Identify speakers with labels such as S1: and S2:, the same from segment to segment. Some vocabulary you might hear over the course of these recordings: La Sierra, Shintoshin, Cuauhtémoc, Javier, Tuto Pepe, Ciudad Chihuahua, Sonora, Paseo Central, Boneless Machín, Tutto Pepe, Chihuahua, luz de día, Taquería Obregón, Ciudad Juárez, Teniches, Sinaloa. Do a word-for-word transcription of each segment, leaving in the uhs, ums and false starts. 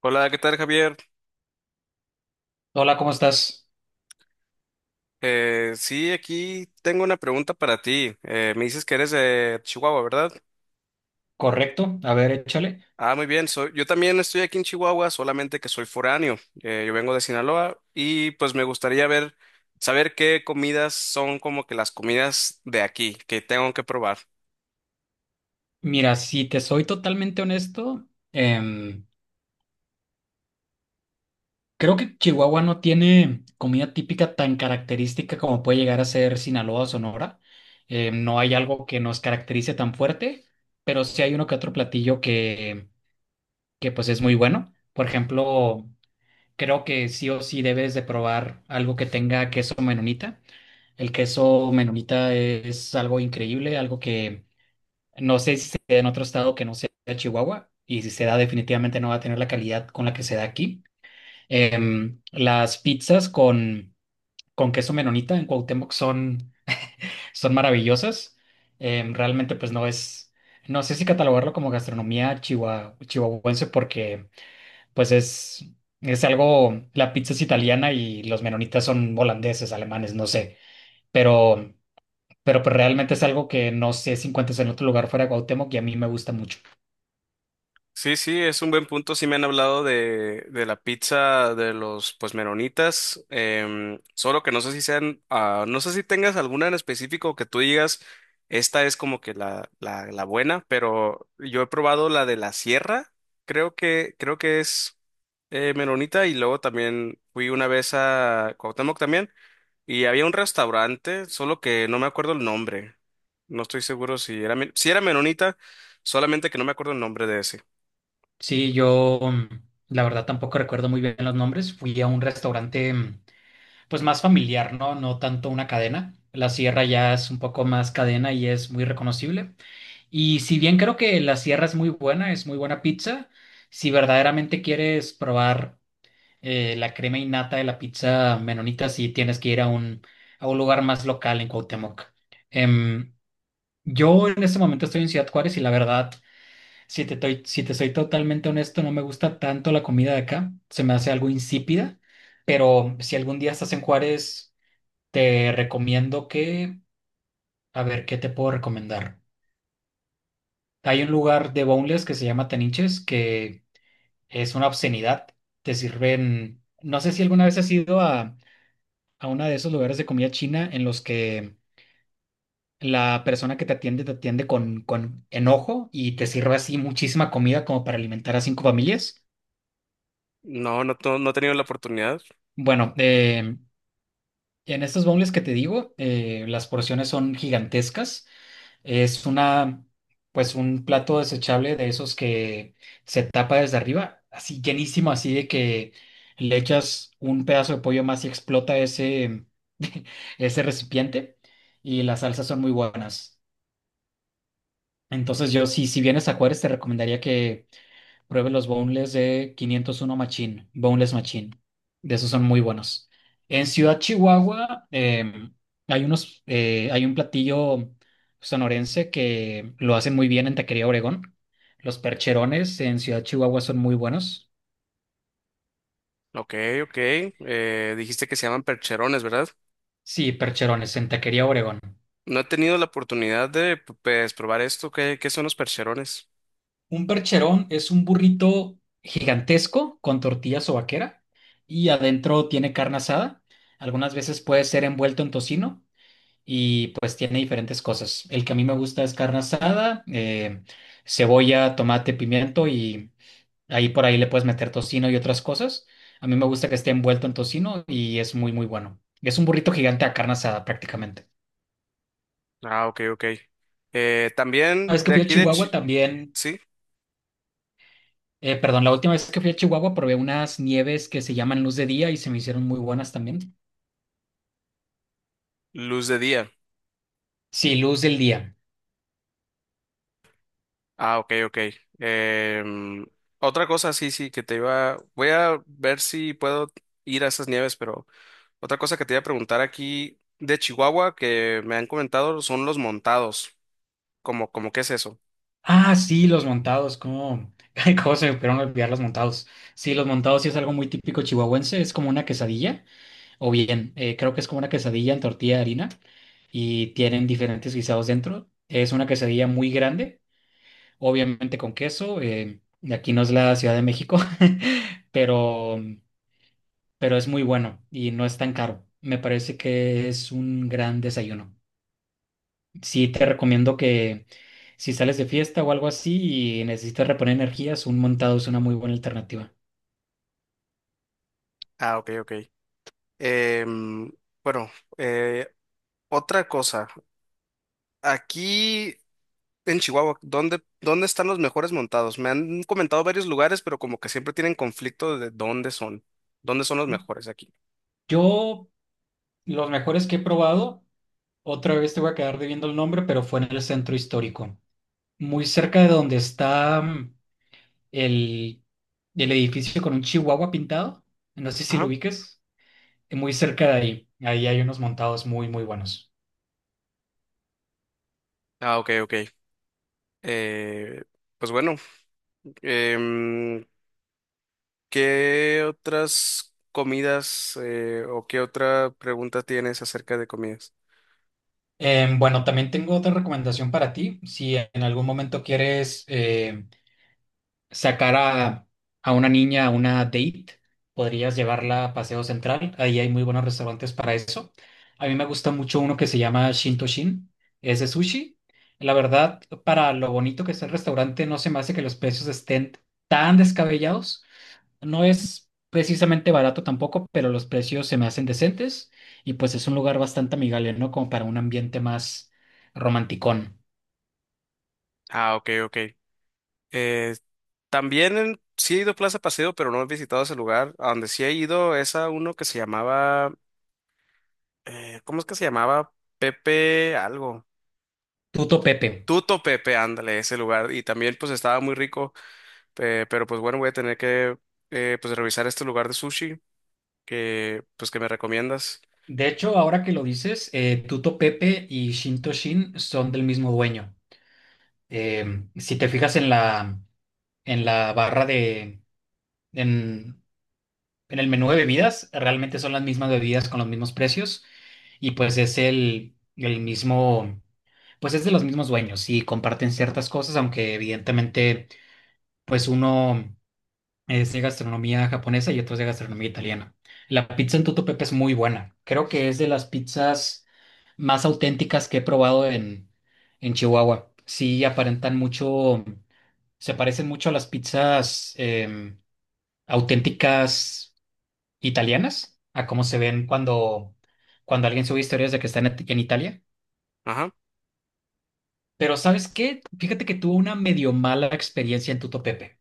S1: Hola, ¿qué tal, Javier?
S2: Hola, ¿cómo estás?
S1: Eh, sí, aquí tengo una pregunta para ti. Eh, me dices que eres de Chihuahua, ¿verdad?
S2: Correcto. A ver, échale.
S1: Ah, muy bien. Soy, yo también estoy aquí en Chihuahua, solamente que soy foráneo. Eh, yo vengo de Sinaloa y pues me gustaría ver, saber qué comidas son como que las comidas de aquí que tengo que probar.
S2: Mira, si te soy totalmente honesto, em, creo que Chihuahua no tiene comida típica tan característica como puede llegar a ser Sinaloa o Sonora. Em, no hay algo que nos caracterice tan fuerte, pero sí hay uno que otro platillo que, que pues es muy bueno. Por ejemplo, creo que sí o sí debes de probar algo que tenga queso menonita. El queso menonita es algo increíble, algo que no sé si se da en otro estado que no sea Chihuahua, y si se da definitivamente no va a tener la calidad con la que se da aquí. Em, las pizzas con, con queso menonita en Cuauhtémoc son, son maravillosas. Em, realmente pues no es, no sé si catalogarlo como gastronomía chihua- chihuahuense, porque pues es, es algo, la pizza es italiana y los menonitas son holandeses, alemanes, no sé, pero, pero pues realmente es algo que no sé si encuentras en otro lugar fuera de Cuauhtémoc y a mí me gusta mucho.
S1: Sí, sí, es un buen punto. Sí me han hablado de, de la pizza de los pues meronitas, em, solo que no sé si sean, ah, no sé si tengas alguna en específico que tú digas, esta es como que la, la, la buena, pero yo he probado la de la sierra, creo que, creo que es eh, meronita, y luego también fui una vez a Cuauhtémoc también y había un restaurante, solo que no me acuerdo el nombre. No estoy seguro si era, men- si era meronita, solamente que no me acuerdo el nombre de ese.
S2: Sí, yo, mm, la verdad tampoco recuerdo muy bien los nombres. Fui a un restaurante mm, pues más familiar, ¿no? No tanto una cadena. La Sierra ya es un poco más cadena y es muy reconocible. Y si bien creo que la Sierra es muy buena, es muy buena pizza, si verdaderamente quieres probar eh, la crema innata de la pizza menonita, sí tienes que ir a un, a un lugar más local en Cuauhtémoc. Em, yo en este momento estoy en Ciudad Juárez y la verdad si te, toy- si te soy totalmente honesto, no me gusta tanto la comida de acá. Se me hace algo insípida. Pero si algún día estás en Juárez, te recomiendo que... A ver, ¿qué te puedo recomendar? Hay un lugar de boneless que se llama Teniches, que es una obscenidad. Te sirven... No sé si alguna vez has ido a, a uno de esos lugares de comida china en los que la persona que te atiende te atiende con, con enojo y te sirve así muchísima comida como para alimentar a cinco familias.
S1: No, no, to- no he tenido la oportunidad.
S2: Bueno, eh, en estas bombles que te digo, eh, las porciones son gigantescas. Es una, pues un plato desechable de esos que se tapa desde arriba, así llenísimo, así de que le echas un pedazo de pollo más y explota ese, ese recipiente. Y las salsas son muy buenas. Entonces yo, si, si vienes a Juárez, te recomendaría que pruebe los boneless de quinientos uno Machín, Boneless Machín. De esos son muy buenos. En Ciudad Chihuahua, eh, hay unos, eh, hay un platillo sonorense que lo hacen muy bien en Taquería Obregón. Los percherones en Ciudad Chihuahua son muy buenos.
S1: Ok, ok. Eh, dijiste que se llaman percherones, ¿verdad?
S2: Sí, percherones en Taquería Obregón.
S1: No he tenido la oportunidad de pues, probar esto. ¿Qué, ¿qué son los percherones?
S2: Un percherón es un burrito gigantesco con tortilla sobaquera y adentro tiene carne asada. Algunas veces puede ser envuelto en tocino, y pues tiene diferentes cosas. El que a mí me gusta es carne asada, eh, cebolla, tomate, pimiento, y ahí por ahí le puedes meter tocino y otras cosas. A mí me gusta que esté envuelto en tocino y es muy, muy bueno. Es un burrito gigante a carne asada prácticamente.
S1: Ah, ok, ok. Eh,
S2: Una
S1: también
S2: vez que
S1: de
S2: fui a
S1: aquí de
S2: Chihuahua
S1: Chi-
S2: también,
S1: sí,
S2: eh, perdón, la última vez que fui a Chihuahua probé unas nieves que se llaman Luz de Día y se me hicieron muy buenas también.
S1: luz de día.
S2: Sí, Luz del Día.
S1: Ah, ok, ok. Em, Otra cosa, sí, sí, que te iba. Voy a ver si puedo ir a esas nieves, pero otra cosa que te iba a preguntar aquí de Chihuahua que me han comentado son los montados. ¿Cómo, ¿cómo qué es eso?
S2: Ah, sí, los montados, cómo, ay, cómo se me pudieron olvidar los montados. Sí, los montados sí es algo muy típico chihuahuense, es como una quesadilla, o bien, eh, creo que es como una quesadilla en tortilla de harina y tienen diferentes guisados dentro. Es una quesadilla muy grande, obviamente con queso, eh, y aquí no es la Ciudad de México, pero, pero es muy bueno y no es tan caro. Me parece que es un gran desayuno. Sí, te recomiendo que si sales de fiesta o algo así y necesitas reponer energías, un montado es una muy buena alternativa.
S1: Ah, ok, ok. Em, bueno, eh, Otra cosa. Aquí en Chihuahua, ¿dónde, ¿dónde están los mejores montados? Me han comentado varios lugares, pero como que siempre tienen conflicto de dónde son. ¿Dónde son los mejores aquí?
S2: Yo, los mejores que he probado, otra vez te voy a quedar debiendo el nombre, pero fue en el centro histórico, muy cerca de donde está, mm, el, el, edificio con un chihuahua pintado. No sé si lo
S1: Ajá.
S2: ubiques, eh, muy cerca de ahí. Ahí hay unos montados muy, muy buenos.
S1: Ah, ok, ok. Eh, pues bueno, em, ¿qué otras comidas eh, o qué otra pregunta tienes acerca de comidas?
S2: Em, bueno, también tengo otra recomendación para ti. Si en algún momento quieres... em, sacar a, a una niña a una date, podrías llevarla a Paseo Central, ahí hay muy buenos restaurantes para eso. A mí me gusta mucho uno que se llama Shintoshin, es de sushi. La verdad, para lo bonito que es el restaurante, no se me hace que los precios estén tan descabellados. No es precisamente barato tampoco, pero los precios se me hacen decentes y pues es un lugar bastante amigable, ¿no? Como para un ambiente más romanticón.
S1: Ah, ok, ok. Eh, También en- sí he ido a Plaza Paseo, pero no he visitado ese lugar. A donde sí he ido es a uno que se llamaba, eh, ¿cómo es que se llamaba? Pepe algo.
S2: Tuto Pepe.
S1: Tuto Pepe, ándale, ese lugar. Y también pues estaba muy rico, eh, pero pues bueno, voy a tener que eh, pues revisar este lugar de sushi que pues que me recomiendas.
S2: De hecho, ahora que lo dices, eh, Tuto Pepe y Shinto Shin son del mismo dueño. Eh, si te fijas en la, en la barra de, en, en el menú de bebidas, realmente son las mismas bebidas con los mismos precios y pues es el, el mismo, pues es de los mismos dueños y comparten ciertas cosas, aunque evidentemente pues uno es de gastronomía japonesa y otro es de gastronomía italiana. La pizza en Tutto Pepe es muy buena. Creo que es de las pizzas más auténticas que he probado en, en Chihuahua. Sí, aparentan mucho, se parecen mucho a las pizzas, eh, auténticas italianas, a cómo se ven cuando, cuando alguien sube historias de que están en en Italia.
S1: Ajá,
S2: Pero ¿sabes qué? Fíjate que tuve una medio mala experiencia en Tutto Pepe.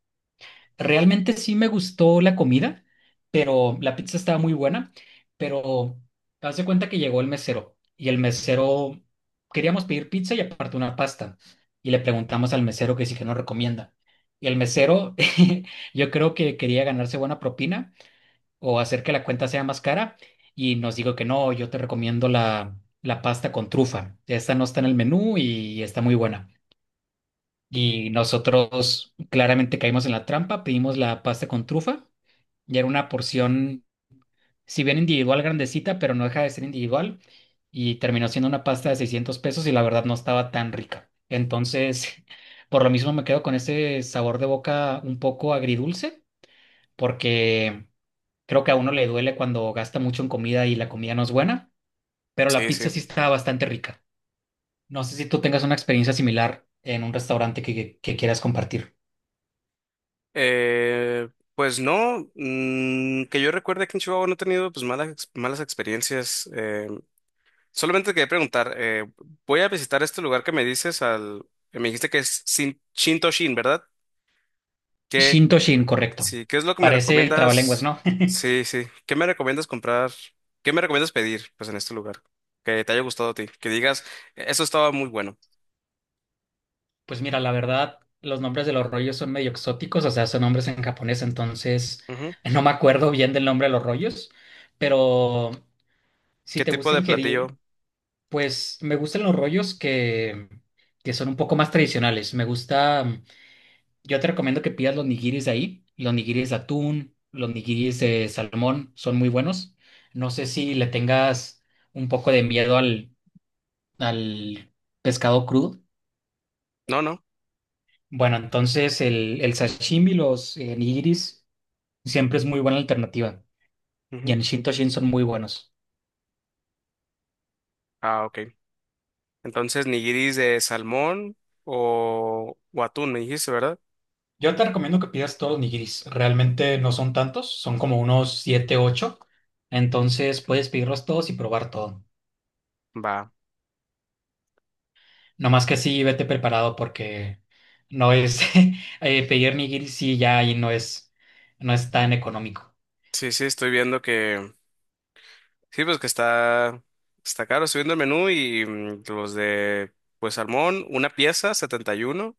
S2: Realmente sí me gustó la comida, pero la pizza estaba muy buena, pero haz de cuenta que llegó el mesero y el mesero, queríamos pedir pizza y aparte una pasta, y le preguntamos al mesero que sí, que nos recomienda. Y el mesero, yo creo que quería ganarse buena propina o hacer que la cuenta sea más cara, y nos dijo que no, yo te recomiendo la, la pasta con trufa. Esta no está en el menú y está muy buena. Y nosotros claramente caímos en la trampa, pedimos la pasta con trufa y era una porción, si bien individual, grandecita, pero no deja de ser individual. Y terminó siendo una pasta de seiscientos pesos y la verdad no estaba tan rica. Entonces, por lo mismo me quedo con ese sabor de boca un poco agridulce, porque creo que a uno le duele cuando gasta mucho en comida y la comida no es buena, pero la
S1: sí,
S2: pizza sí
S1: sí.
S2: está bastante rica. No sé si tú tengas una experiencia similar en un restaurante que, que que quieras compartir.
S1: Eh, pues no, mm, que yo recuerde que en Chihuahua no he tenido pues malas, ex- malas experiencias. eh, Solamente quería preguntar, eh, voy a visitar este lugar que me dices al, que me dijiste que es Shin, Shintoshin, ¿verdad? ¿Qué,
S2: Shintoshin, correcto.
S1: sí, ¿qué es lo que me
S2: Parece trabalenguas,
S1: recomiendas?
S2: ¿no?
S1: Sí, sí. ¿Qué me recomiendas comprar? ¿Qué me recomiendas pedir, pues, en este lugar? Que te haya gustado a ti, que digas, "E-, eso estaba muy bueno."
S2: Pues mira, la verdad, los nombres de los rollos son medio exóticos, o sea, son nombres en japonés, entonces
S1: Ujú.
S2: no me acuerdo bien del nombre de los rollos, pero si
S1: ¿Qué
S2: te
S1: tipo
S2: gusta
S1: de
S2: ingerir,
S1: platillo?
S2: pues me gustan los rollos que, que son un poco más tradicionales. Me gusta, yo te recomiendo que pidas los nigiris de ahí, los nigiris de atún, los nigiris de salmón, son muy buenos. No sé si le tengas un poco de miedo al al pescado crudo.
S1: No, no.
S2: Bueno, entonces el, el sashimi, los, eh, nigiris, siempre es muy buena alternativa. Y
S1: Ujú.
S2: en Shintoshin son muy buenos.
S1: Ah, ok. Entonces, nigiris de salmón o, o atún, me dijiste, ¿verdad?
S2: Yo te recomiendo que pidas todos los nigiris. Realmente no son tantos, son como unos siete ocho. Entonces puedes pedirlos todos y probar todo.
S1: Va.
S2: No más que sí, vete preparado porque no es eh, pedir nigiris, sí, ya ahí no es, no es tan económico.
S1: Sí, sí, estoy viendo que sí, pues que está, está caro. Estoy viendo el menú y mm, los de, pues, salmón, una pieza, setenta y uno,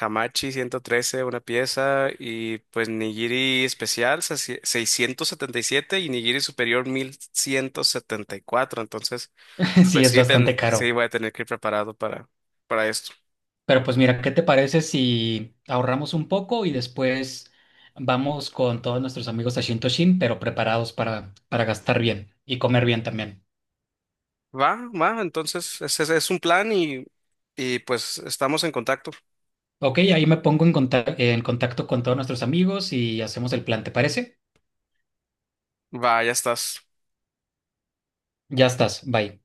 S1: Hamachi, ciento trece una pieza. Y pues nigiri especial, sesi- seiscientos setenta y siete, y nigiri superior, mil ciento setenta y cuatro. Entonces,
S2: Sí,
S1: pues
S2: es
S1: sí,
S2: bastante
S1: ten- sí,
S2: caro.
S1: voy a tener que ir preparado para, para esto.
S2: Pero pues mira, ¿qué te parece si ahorramos un poco y después vamos con todos nuestros amigos a Shintoshin, pero preparados para, para gastar bien y comer bien también?
S1: Va, va. Entonces, ese ese es un plan y, y pues estamos en contacto.
S2: Ok, ahí me pongo en conta- en contacto con todos nuestros amigos y hacemos el plan, ¿te parece?
S1: Va, ya estás.
S2: Ya estás, bye.